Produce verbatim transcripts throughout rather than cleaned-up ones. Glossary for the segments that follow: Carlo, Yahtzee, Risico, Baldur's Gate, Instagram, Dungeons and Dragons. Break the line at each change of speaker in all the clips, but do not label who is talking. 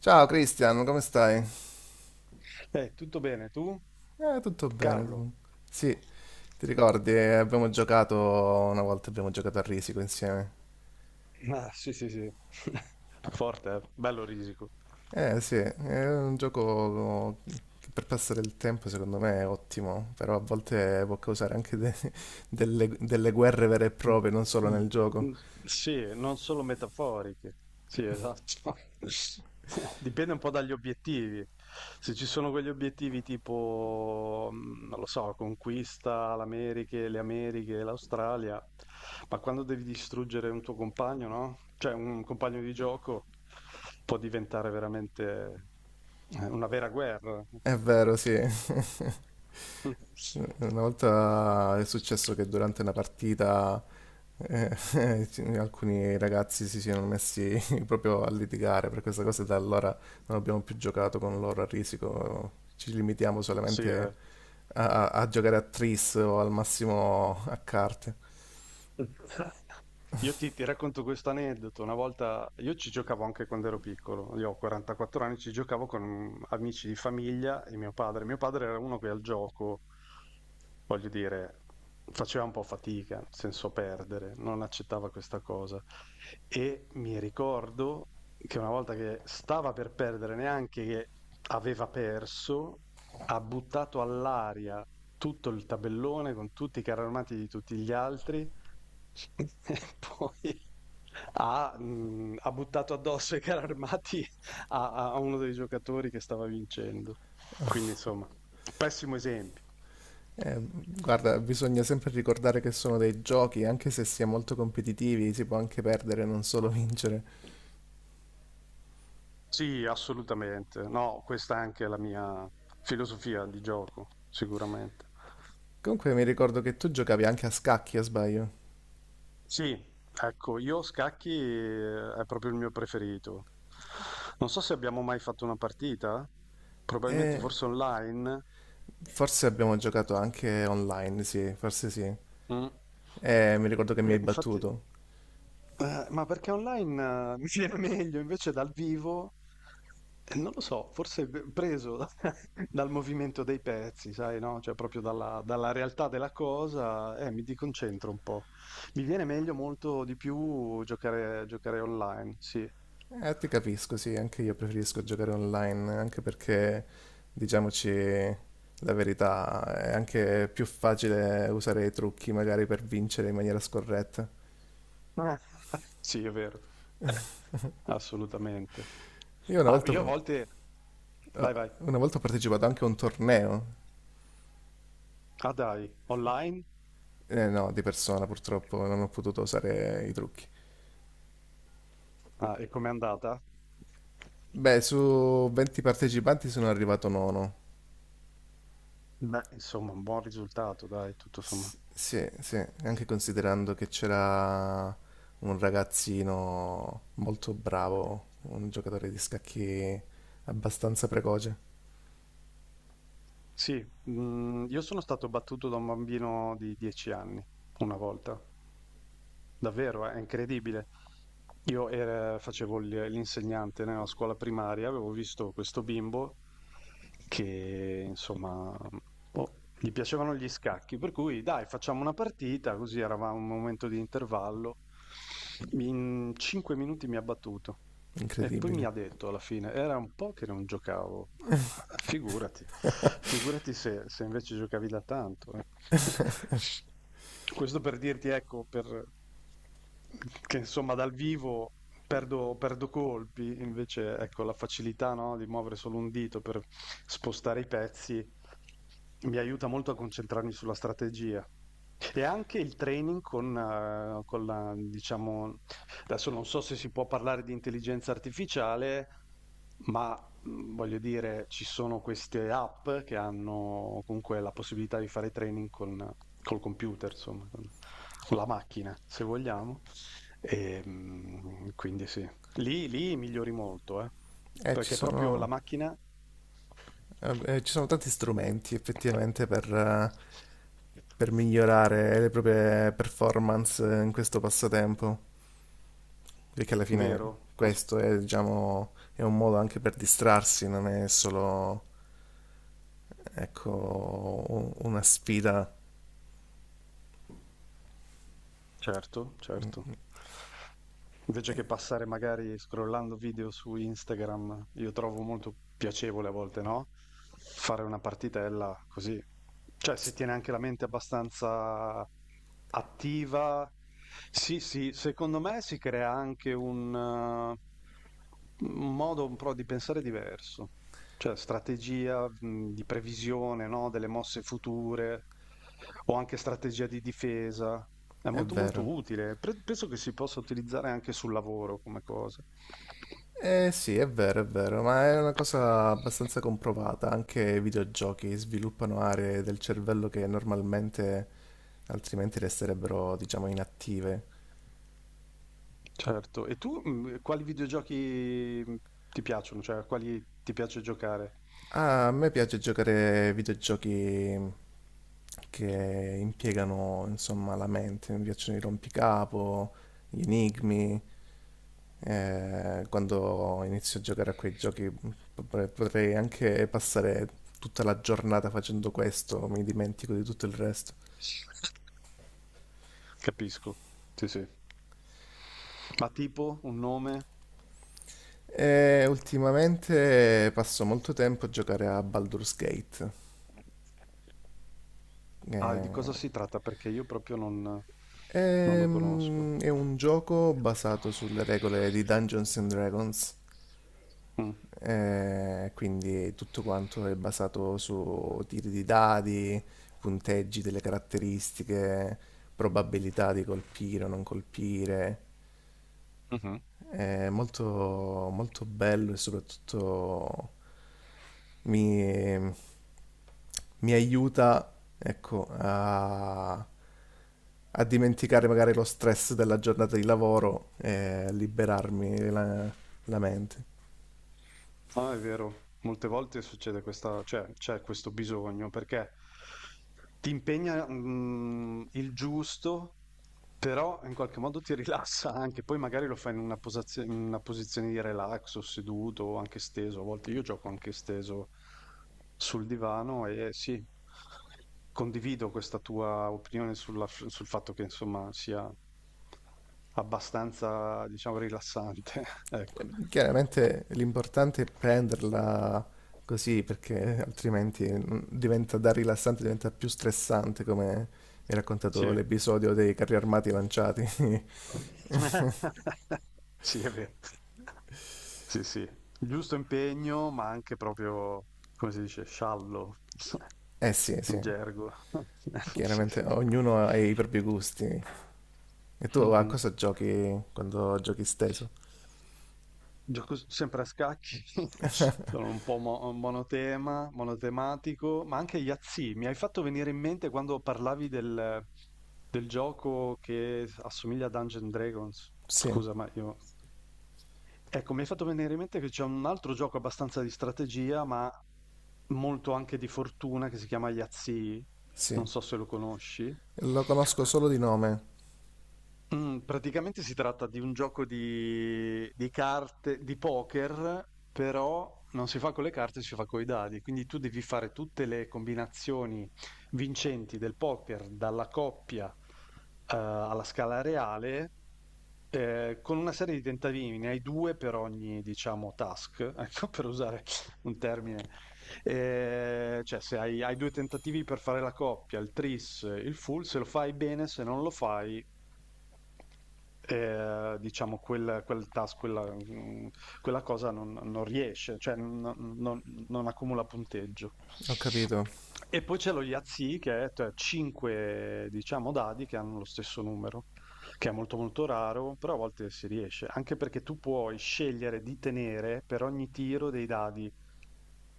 Ciao Cristian, come stai?
Eh, tutto bene, tu?
Eh, tutto bene.
Carlo.
Tu... Sì, ti ricordi, eh, abbiamo giocato una volta, abbiamo giocato a Risico insieme.
Ah, sì, sì, sì. Forte, eh? Bello Risico.
Eh sì, è un gioco che per passare il tempo secondo me è ottimo, però a volte può causare anche de- delle, delle guerre vere e
Mm,
proprie, non solo
mm,
nel gioco.
mm, sì, non solo metaforiche. Sì, esatto. Dipende un po' dagli obiettivi. Se ci sono quegli obiettivi tipo, mm, non lo so, conquista l'America, le Americhe, l'Australia, ma quando devi distruggere un tuo compagno, no? Cioè un compagno di gioco può diventare veramente eh, una vera guerra.
È vero, sì.
Mm.
Eh, una volta è successo che durante una partita eh, ci- alcuni ragazzi si siano messi proprio a litigare per questa cosa e da allora non abbiamo più giocato con loro a risico, ci limitiamo
See ya.
solamente a, a a giocare a tris o al massimo a carte.
Io ti, ti racconto questo aneddoto. Una volta io ci giocavo anche quando ero piccolo, io ho quarantaquattro anni, ci giocavo con amici di famiglia e mio padre. Mio padre era uno che al gioco, voglio dire, faceva un po' fatica, nel senso perdere, non accettava questa cosa. E mi ricordo che una volta che stava per perdere, neanche che aveva perso, ha buttato all'aria tutto il tabellone con tutti i carri armati di tutti gli altri. E poi ha mhmm, ha buttato addosso i carri armati a a a uno dei giocatori che stava vincendo. Quindi insomma, pessimo esempio.
Eh, guarda, bisogna sempre ricordare che sono dei giochi, anche se si è molto competitivi, si può anche perdere, non solo vincere.
Sì, assolutamente. No, questa è anche la mia filosofia di gioco, sicuramente.
Comunque mi ricordo che tu giocavi anche a scacchi, a sbaglio.
Sì, ecco, io scacchi eh, è proprio il mio preferito. Non so se abbiamo mai fatto una partita. Probabilmente
E
forse online?
forse abbiamo giocato anche online, sì, forse sì.
Mm.
Eh, mi ricordo che mi hai
Eh, infatti,
battuto.
eh, ma perché online eh, mi viene meglio invece dal vivo? eh, Non lo so, forse v- preso da- dal movimento dei pezzi, sai, no? Cioè proprio dalla, dalla realtà della cosa, eh, mi deconcentro un po'. Mi viene meglio molto di più giocare, giocare online, sì.
Eh, ti capisco, sì, anche io preferisco giocare online, anche perché, diciamoci la verità, è anche più facile usare i trucchi magari per vincere in maniera scorretta.
Eh, sì, è vero. Assolutamente.
Io una
Ah,
volta,
io a
eh,
volte... Vai, vai.
una volta ho partecipato anche a un torneo,
Ah, dai, online?
eh, no, di persona purtroppo non ho potuto usare i trucchi.
Ah, e com'è andata?
Beh, su venti partecipanti sono arrivato nono.
Beh, insomma, un buon risultato, dai, tutto
S-
sommato.
sì, sì, anche considerando che c'era un ragazzino molto bravo, un giocatore di scacchi abbastanza precoce,
Sì, mhmm, io sono stato battuto da un bambino di dieci anni, una volta. Davvero, eh, è incredibile. Io er facevo il l'insegnante nella scuola primaria, avevo visto questo bimbo che insomma, boh, gli piacevano gli scacchi, per cui: "Dai, facciamo una partita", così eravamo a un momento di intervallo. In cinque minuti mi ha battuto. E poi mi
incredibile.
ha detto alla fine, era un po' che non giocavo, ma, ma figurati, figurati se, se invece giocavi da tanto. eh. Questo per dirti, ecco, per- che insomma dal vivo perdo, perdo colpi, invece ecco la facilità, no, di muovere solo un dito per spostare i pezzi mi aiuta molto a concentrarmi sulla strategia. E anche il training con, eh, con la, diciamo, adesso non so se si può parlare di intelligenza artificiale, ma mh, voglio dire, ci sono queste app che hanno comunque la possibilità di fare training con, col computer, insomma, con, con la macchina, se vogliamo. E, mh, quindi sì, lì, lì migliori molto, eh,
E ci
perché proprio la
sono,
macchina...
eh, eh, ci sono tanti strumenti effettivamente per, eh, per migliorare le proprie performance in questo passatempo, perché alla fine
Vero, ass-
questo è, diciamo, è un modo anche per distrarsi, non è solo, ecco, un... una sfida,
certo, certo. Invece che passare magari scrollando video su Instagram, io trovo molto piacevole a volte, no? Fare una partitella così. Cioè si tiene anche la mente abbastanza attiva. Sì, sì, secondo me si crea anche un, eh, un modo un po' di pensare diverso, cioè strategia, mh, di previsione, no? Delle mosse future o anche strategia di difesa. È
è
molto molto
vero.
utile. Pre- penso che si possa utilizzare anche sul lavoro come cosa.
Eh sì, è vero, è vero, ma è una cosa abbastanza comprovata. Anche i videogiochi sviluppano aree del cervello che normalmente altrimenti resterebbero, diciamo, inattive.
Certo. E tu mh, quali videogiochi mh, ti piacciono? Cioè, a quali ti piace giocare?
Ah, a me piace giocare ai videogiochi che impiegano, insomma, la mente. Mi piacciono i rompicapo, gli enigmi. Eh, quando inizio a giocare a quei giochi potrei potrei anche passare tutta la giornata facendo questo, mi dimentico di tutto il resto.
Capisco. Sì, sì. Ma tipo un nome?
E ultimamente passo molto tempo a giocare a Baldur's Gate.
Ah, di cosa
Eh,
si tratta? Perché io proprio non, non lo conosco.
ehm, è un gioco basato sulle regole di Dungeons and Dragons,
Mm.
eh, quindi tutto quanto è basato su tiri di dadi, punteggi delle caratteristiche, probabilità di colpire o non colpire.
Mhm.
È molto, molto bello e soprattutto mi, mi aiuta, ecco, a, a dimenticare magari lo stress della giornata di lavoro e a liberarmi la, la mente.
Ah, è vero, molte volte succede questa, cioè c'è questo bisogno perché ti impegna mm, il giusto, però in qualche modo ti rilassa anche, poi magari lo fai in una, posazio- in una posizione di relax o seduto o anche steso, a volte io gioco anche steso sul divano e sì, condivido questa tua opinione sulla- sul fatto che insomma sia abbastanza, diciamo, rilassante, ecco.
Eh, Chiaramente l'importante è prenderla così perché altrimenti mm, diventa da rilassante, diventa più stressante come mi ha raccontato
Sì.
l'episodio dei carri armati lanciati.
Sì, è vero. Sì, sì. Il giusto impegno, ma anche proprio, come si dice, sciallo,
Eh sì, sì,
in gergo. Sì,
chiaramente
sì.
ognuno ha i propri gusti. E tu a
Mhm.
cosa giochi quando giochi steso?
Gioco s sempre a scacchi, sono un po' mo monotema monotematico, ma anche Yahtzee. Mi hai fatto venire in mente quando parlavi del, del gioco che assomiglia a Dungeons and Dragons.
Sì,
Scusa, ma io... Ecco, mi hai fatto venire in mente che c'è un altro gioco abbastanza di strategia, ma molto anche di fortuna, che si chiama Yahtzee.
sì.
Non so se lo conosci.
Lo conosco solo di nome.
Mm, praticamente si tratta di un gioco di, di carte, di poker, però non si fa con le carte, si fa con i dadi. Quindi tu devi fare tutte le combinazioni vincenti del poker, dalla coppia, eh, alla scala reale, eh, con una serie di tentativi. Ne hai due per ogni, diciamo, task, ecco, per usare un termine. Eh, cioè, se hai, hai due tentativi per fare la coppia, il tris, il full, se lo fai bene, se non lo fai, eh, diciamo, quel, quel task, quella, mm, quella cosa non, non riesce, cioè non, non- non accumula punteggio.
Ho capito.
E poi c'è lo Yahtzee, che è cinque, diciamo, dadi che hanno lo stesso numero, che è molto molto raro, però a volte si riesce, anche perché tu puoi scegliere di tenere per ogni tiro dei dadi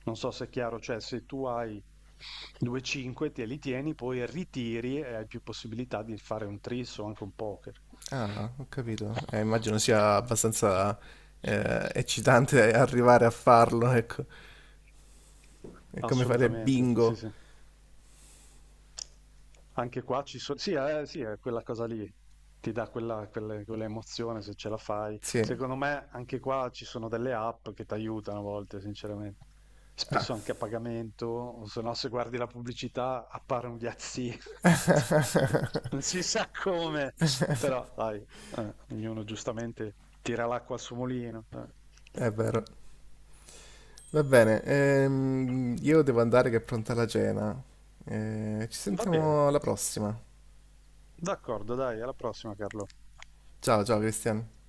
non so se è chiaro, cioè se tu hai due cinque te li tieni, poi ritiri e hai più possibilità di fare un tris o anche un poker.
Ah, ho capito. Eh, immagino sia abbastanza eh, eccitante arrivare a farlo, ecco. È come fare
Assolutamente, sì,
bingo.
sì. Anche qua ci sono, sì, eh, sì, è quella cosa lì, ti dà quella, quelle- quella emozione se ce la fai.
Sì.
Secondo me anche qua ci sono delle app che ti aiutano a volte, sinceramente.
Ah,
Spesso anche a pagamento, o se no se guardi la pubblicità appare un diazzino. Non si sa come, però dai, eh, ognuno giustamente tira l'acqua al suo mulino. eh.
è vero. Va bene. Ehm, io devo andare che è pronta la cena. Eh, ci
Va bene.
sentiamo alla prossima.
D'accordo, dai, alla prossima, Carlo.
Ciao, ciao Cristian.